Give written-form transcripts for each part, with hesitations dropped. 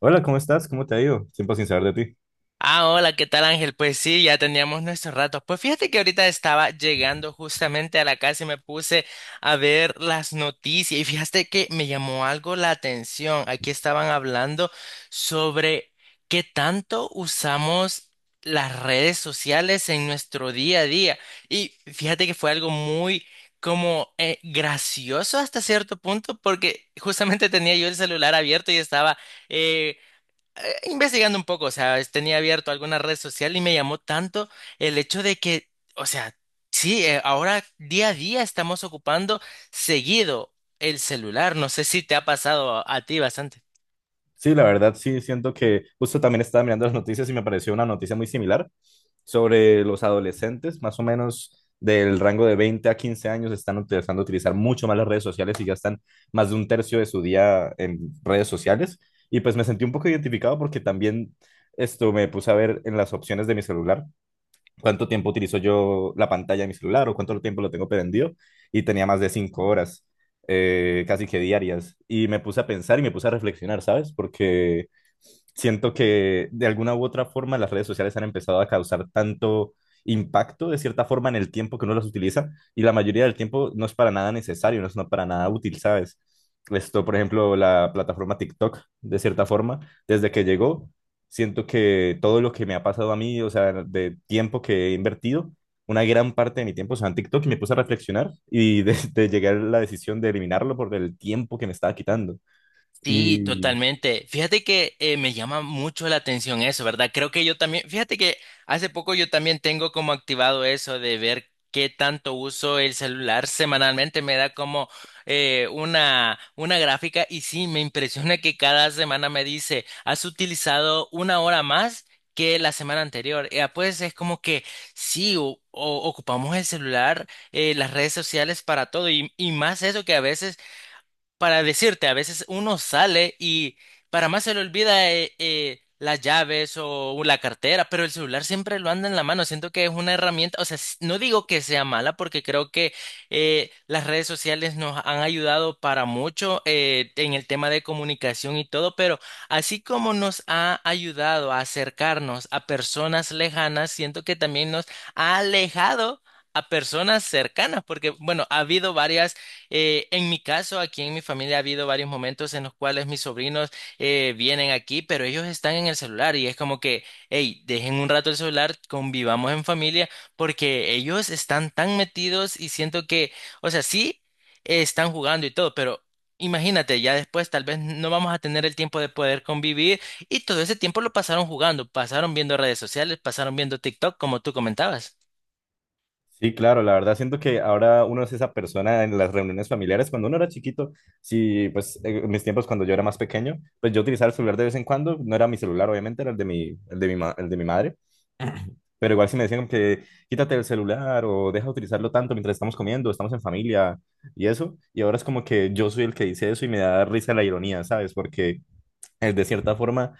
Hola, ¿cómo estás? ¿Cómo te ha ido? Tiempo sin saber de ti. Ah, hola, ¿qué tal, Ángel? Pues sí, ya teníamos nuestros ratos. Pues fíjate que ahorita estaba llegando justamente a la casa y me puse a ver las noticias y fíjate que me llamó algo la atención. Aquí estaban hablando sobre qué tanto usamos las redes sociales en nuestro día a día. Y fíjate que fue algo muy como gracioso hasta cierto punto porque justamente tenía yo el celular abierto y estaba... eh, investigando un poco, o sea, es- tenía abierto alguna red social y me llamó tanto el hecho de que, o sea, sí, ahora día a día estamos ocupando seguido el celular. No sé si te ha pasado a ti bastante. Sí, la verdad sí, siento que justo también estaba mirando las noticias y me pareció una noticia muy similar sobre los adolescentes, más o menos del rango de 20 a 15 años, están empezando a utilizar mucho más las redes sociales y gastan más de un tercio de su día en redes sociales. Y pues me sentí un poco identificado porque también esto me puse a ver en las opciones de mi celular cuánto tiempo utilizo yo la pantalla de mi celular o cuánto tiempo lo tengo prendido y tenía más de 5 horas, casi que diarias. Y me puse a pensar y me puse a reflexionar, ¿sabes? Porque siento que de alguna u otra forma las redes sociales han empezado a causar tanto impacto de cierta forma en el tiempo que uno las utiliza y la mayoría del tiempo no es para nada necesario, no es no para nada útil, ¿sabes? Esto, por ejemplo, la plataforma TikTok, de cierta forma, desde que llegó, siento que todo lo que me ha pasado a mí, o sea, de tiempo que he invertido, una gran parte de mi tiempo, o sea, en TikTok, y me puse a reflexionar y de, de llegar a la decisión de eliminarlo por el tiempo que me estaba quitando. Sí, Y totalmente. Fíjate que me llama mucho la atención eso, ¿verdad? Creo que yo también, fíjate que hace poco yo también tengo como activado eso de ver qué tanto uso el celular semanalmente. Me da como una gráfica y sí, me impresiona que cada semana me dice, has utilizado una hora más que la semana anterior. Pues es como que sí, ocupamos el celular, las redes sociales para todo y más eso que a veces para decirte, a veces uno sale y para más se le olvida las llaves o la cartera, pero el celular siempre lo anda en la mano. Siento que es una herramienta, o sea, no digo que sea mala porque creo que las redes sociales nos han ayudado para mucho en el tema de comunicación y todo, pero así como nos ha ayudado a acercarnos a personas lejanas, siento que también nos ha alejado a personas cercanas, porque bueno, ha habido varias, en mi caso, aquí en mi familia ha habido varios momentos en los cuales mis sobrinos vienen aquí, pero ellos están en el celular y es como que, hey, dejen un rato el celular, convivamos en familia, porque ellos están tan metidos y siento que, o sea, sí, están jugando y todo, pero imagínate, ya después tal vez no vamos a tener el tiempo de poder convivir y todo ese tiempo lo pasaron jugando, pasaron viendo redes sociales, pasaron viendo TikTok, como tú comentabas. sí, claro, la verdad siento que ahora uno es esa persona en las reuniones familiares. Cuando uno era chiquito, sí, pues en mis tiempos cuando yo era más pequeño, pues yo utilizaba el celular de vez en cuando, no era mi celular, obviamente, era el de mi madre. Pero igual si me decían que quítate el celular o deja de utilizarlo tanto mientras estamos comiendo, estamos en familia y eso, y ahora es como que yo soy el que dice eso y me da risa la ironía, ¿sabes? Porque de cierta forma,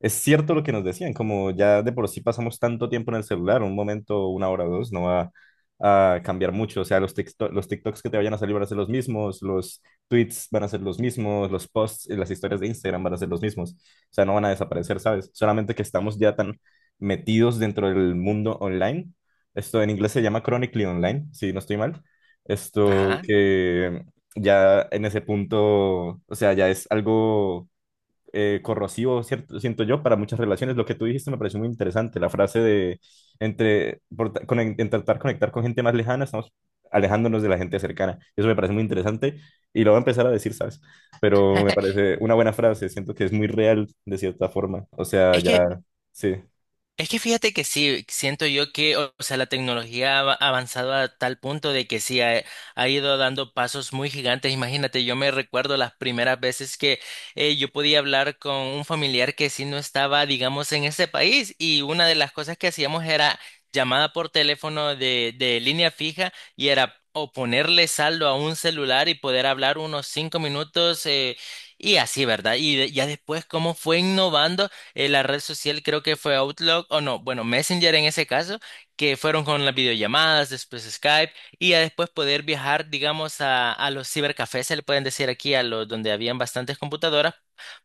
es cierto lo que nos decían, como ya de por sí pasamos tanto tiempo en el celular, un momento, una hora o dos, no va a cambiar mucho. O sea, los TikToks que te vayan a salir van a ser los mismos, los tweets van a ser los mismos, los posts y las historias de Instagram van a ser los mismos. O sea, no van a desaparecer, ¿sabes? Solamente que estamos ya tan metidos dentro del mundo online. Esto en inglés se llama chronically online, si no estoy mal. Esto Ajá. que ya en ese punto, o sea, ya es algo corrosivo, cierto, siento yo, para muchas relaciones. Lo que tú dijiste me pareció muy interesante, la frase de entre, por ta- con- intentar conectar con gente más lejana, estamos alejándonos de la gente cercana. Eso me parece muy interesante y lo voy a empezar a decir, ¿sabes? Pero me parece una buena frase, siento que es muy real de cierta forma. O sea, Es ya, que sí. Es que fíjate que sí, siento yo que, o sea, la tecnología ha avanzado a tal punto de que sí ha ido dando pasos muy gigantes. Imagínate, yo me recuerdo las primeras veces que yo podía hablar con un familiar que sí no estaba, digamos, en ese país y una de las cosas que hacíamos era llamada por teléfono de línea fija y era o ponerle saldo a un celular y poder hablar unos 5 minutos, y así, ¿verdad? Y de- ya después cómo fue innovando, la red social creo que fue Outlook, o no, bueno, Messenger en ese caso, que fueron con las videollamadas, después Skype, y ya después poder viajar, digamos, a los cibercafés, se le pueden decir aquí, a los donde habían bastantes computadoras,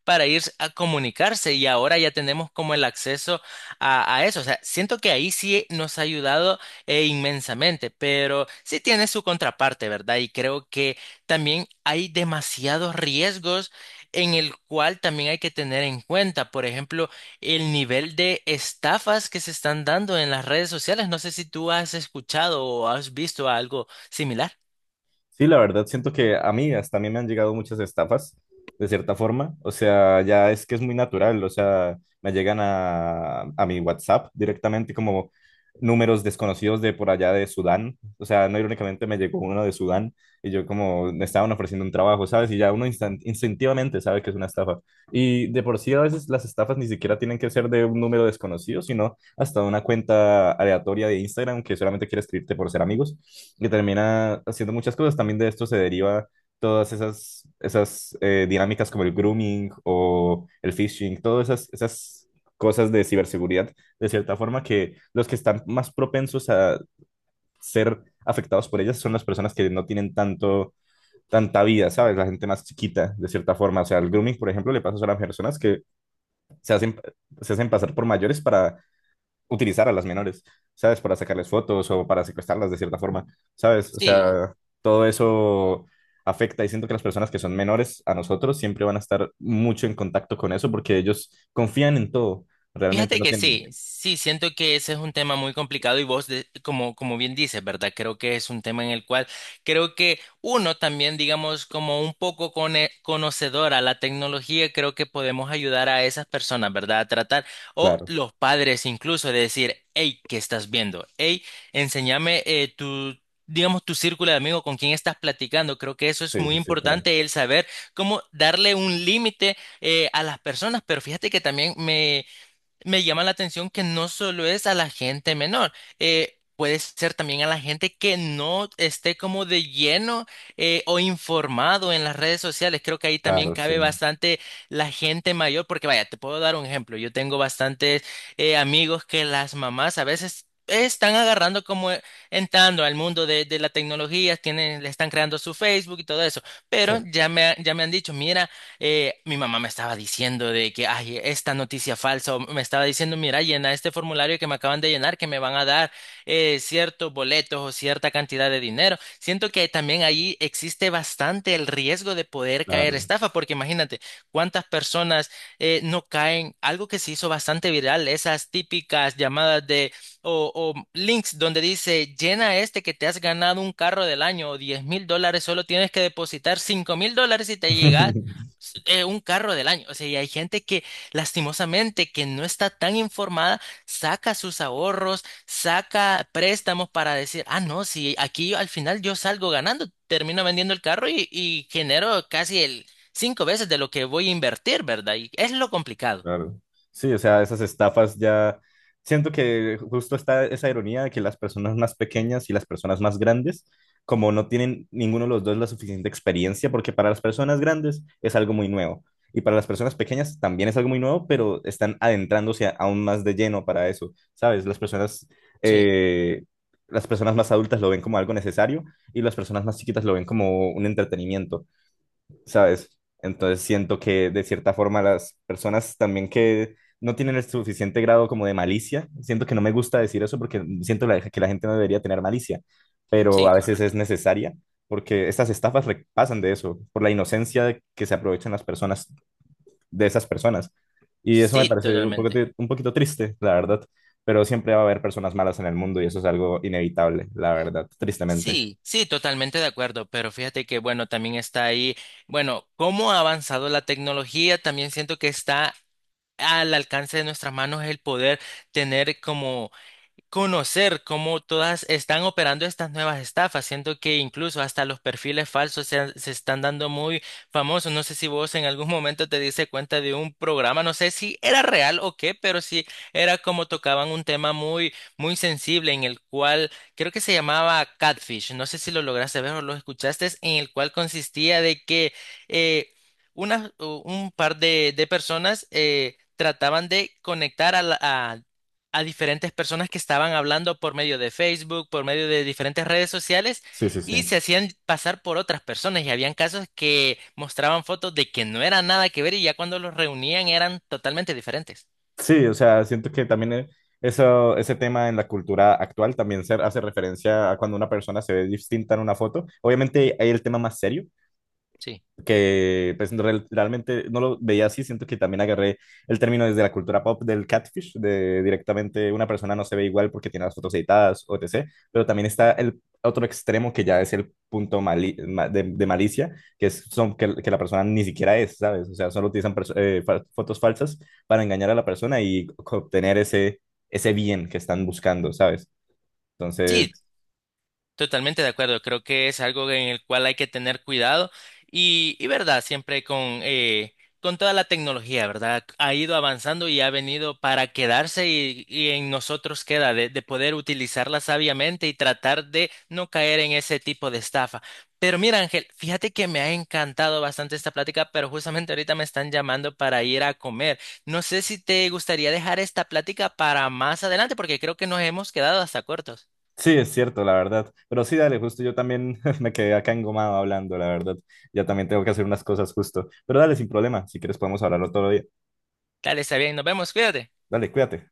para ir a comunicarse, y ahora ya tenemos como el acceso a eso. O sea, siento que ahí sí nos ha ayudado inmensamente, pero sí tiene su contraparte, ¿verdad? Y creo que también hay demasiados riesgos en el cual también hay que tener en cuenta, por ejemplo, el nivel de estafas que se están dando en las redes sociales. No sé si tú has escuchado o has visto algo similar. Sí, la verdad, siento que a mí hasta a mí me han llegado muchas estafas, de cierta forma. O sea, ya es que es muy natural. O sea, me llegan a mi WhatsApp directamente como números desconocidos de por allá de Sudán. O sea, no irónicamente me llegó uno de Sudán y yo como me estaban ofreciendo un trabajo, ¿sabes? Y ya uno instintivamente sabe que es una estafa. Y de por sí a veces las estafas ni siquiera tienen que ser de un número desconocido, sino hasta una cuenta aleatoria de Instagram que solamente quiere escribirte por ser amigos y termina haciendo muchas cosas. También de esto se deriva todas esas, esas dinámicas como el grooming o el phishing, todas esas cosas de ciberseguridad, de cierta forma que los que están más propensos a ser afectados por ellas son las personas que no tienen tanta vida, ¿sabes? La gente más chiquita, de cierta forma. O sea, el grooming, por ejemplo, le pasa solo a las personas que se hacen, se hacen pasar por mayores para utilizar a las menores, ¿sabes? Para sacarles fotos o para secuestrarlas de cierta forma, ¿sabes? O Sí, sea, todo eso afecta y siento que las personas que son menores a nosotros siempre van a estar mucho en contacto con eso porque ellos confían en todo, realmente fíjate no que tienen. sí, sí, siento que ese es un tema muy complicado y vos, de- como, como bien dices, ¿verdad? Creo que es un tema en el cual creo que uno también, digamos, como un poco conocedor a la tecnología, creo que podemos ayudar a esas personas, ¿verdad? A tratar, o Claro, los padres incluso, de decir, hey, ¿qué estás viendo? Hey, enséñame, tu... digamos, tu círculo de amigos con quién estás platicando. Creo que eso es sí, muy sí, sí, claro, importante, el saber cómo darle un límite, a las personas, pero fíjate que también me llama la atención que no solo es a la gente menor, puede ser también a la gente que no esté como de lleno, o informado en las redes sociales. Creo que ahí también claro, sí, cabe bastante la gente mayor, porque vaya, te puedo dar un ejemplo. Yo tengo bastantes, amigos que las mamás a veces... Están agarrando como entrando al mundo de la tecnología, tienen, le están creando su Facebook y todo eso, sí, pero ya ya me han dicho, mira, mi mamá me estaba diciendo de que, ay, esta noticia falsa, o me estaba diciendo, mira, llena este formulario que me acaban de llenar, que me van a dar, ciertos boletos o cierta cantidad de dinero. Siento que también ahí existe bastante el riesgo de poder caer claro. estafa, porque imagínate cuántas personas, no caen, algo que se hizo bastante viral, esas típicas llamadas de o links donde dice llena este que te has ganado un carro del año o $10,000, solo tienes que depositar $5,000 y te llega un carro del año. O sea, y hay gente que lastimosamente que no está tan informada, saca sus ahorros, saca préstamos para decir, ah, no, si aquí al final yo salgo ganando, termino vendiendo el carro y genero casi el 5 veces de lo que voy a invertir, ¿verdad? Y es lo complicado. Claro. Sí, o sea, esas estafas ya. Siento que justo está esa ironía de que las personas más pequeñas y las personas más grandes, como no tienen ninguno de los dos la suficiente experiencia, porque para las personas grandes es algo muy nuevo y para las personas pequeñas también es algo muy nuevo, pero están aún más de lleno para eso, ¿sabes? Sí, eh, las personas más adultas lo ven como algo necesario y las personas más chiquitas lo ven como un entretenimiento. ¿Sabes? Entonces siento que de cierta forma las personas también que no tienen el suficiente grado como de malicia, siento que no me gusta decir eso porque siento que la gente no debería tener malicia, pero sí, a veces es correcto. necesaria porque estas estafas pasan de eso, por la inocencia de que se aprovechan las personas, de esas personas. Y eso me Sí, sí, parece un poco, totalmente. un poquito triste, la verdad, pero siempre va a haber personas malas en el mundo y eso es algo inevitable, la verdad, tristemente. Sí, sí, totalmente de acuerdo, pero fíjate que bueno, también está ahí, bueno, cómo ha avanzado la tecnología, también siento que está al alcance de nuestras manos es el poder tener como conocer cómo todas están operando estas nuevas estafas, siento que incluso hasta los perfiles falsos se están dando muy famosos. No sé si vos en algún momento te diste cuenta de un programa, no sé si era real o qué, pero sí era como tocaban un tema muy, muy sensible en el cual creo que se llamaba Catfish. No sé si lo lograste ver o lo escuchaste, en el cual consistía de que eh, un par de personas trataban de conectar a a diferentes personas que estaban hablando por medio de Facebook, por medio de diferentes redes sociales Sí, sí, sí. y se hacían pasar por otras personas y habían casos que mostraban fotos de que no era nada que ver y ya cuando los reunían eran totalmente diferentes. Sí, o sea, siento que también eso, ese tema en la cultura actual también se hace referencia a cuando una persona se ve distinta en una foto. Obviamente hay el tema más serio, Sí. que pues realmente no lo veía así, siento que también agarré el término desde la cultura pop del catfish, de directamente una persona no se ve igual porque tiene las fotos editadas, etc. Pero también está el otro extremo que ya es el punto de malicia, que es que la persona ni siquiera es, ¿sabes? O sea, solo utilizan fotos falsas para engañar a la persona y obtener ese bien que están buscando, ¿sabes? Sí, Entonces. totalmente de acuerdo, creo que es algo en el cual hay que tener cuidado y verdad, siempre con toda la tecnología, ¿verdad? Ha ido avanzando y ha venido para quedarse y en nosotros queda de poder utilizarla sabiamente y tratar de no caer en ese tipo de estafa. Pero mira, Ángel, fíjate que me ha encantado bastante esta plática, pero justamente ahorita me están llamando para ir a comer. No sé si te gustaría dejar esta plática para más adelante, porque creo que nos hemos quedado hasta cortos. Sí, es cierto, la verdad. Pero sí, dale, justo yo también me quedé acá engomado hablando, la verdad. Ya también tengo que hacer unas cosas justo. Pero dale, sin problema. Si quieres podemos hablarlo otro día. Dale, está bien, nos vemos, cuídate. Dale, cuídate.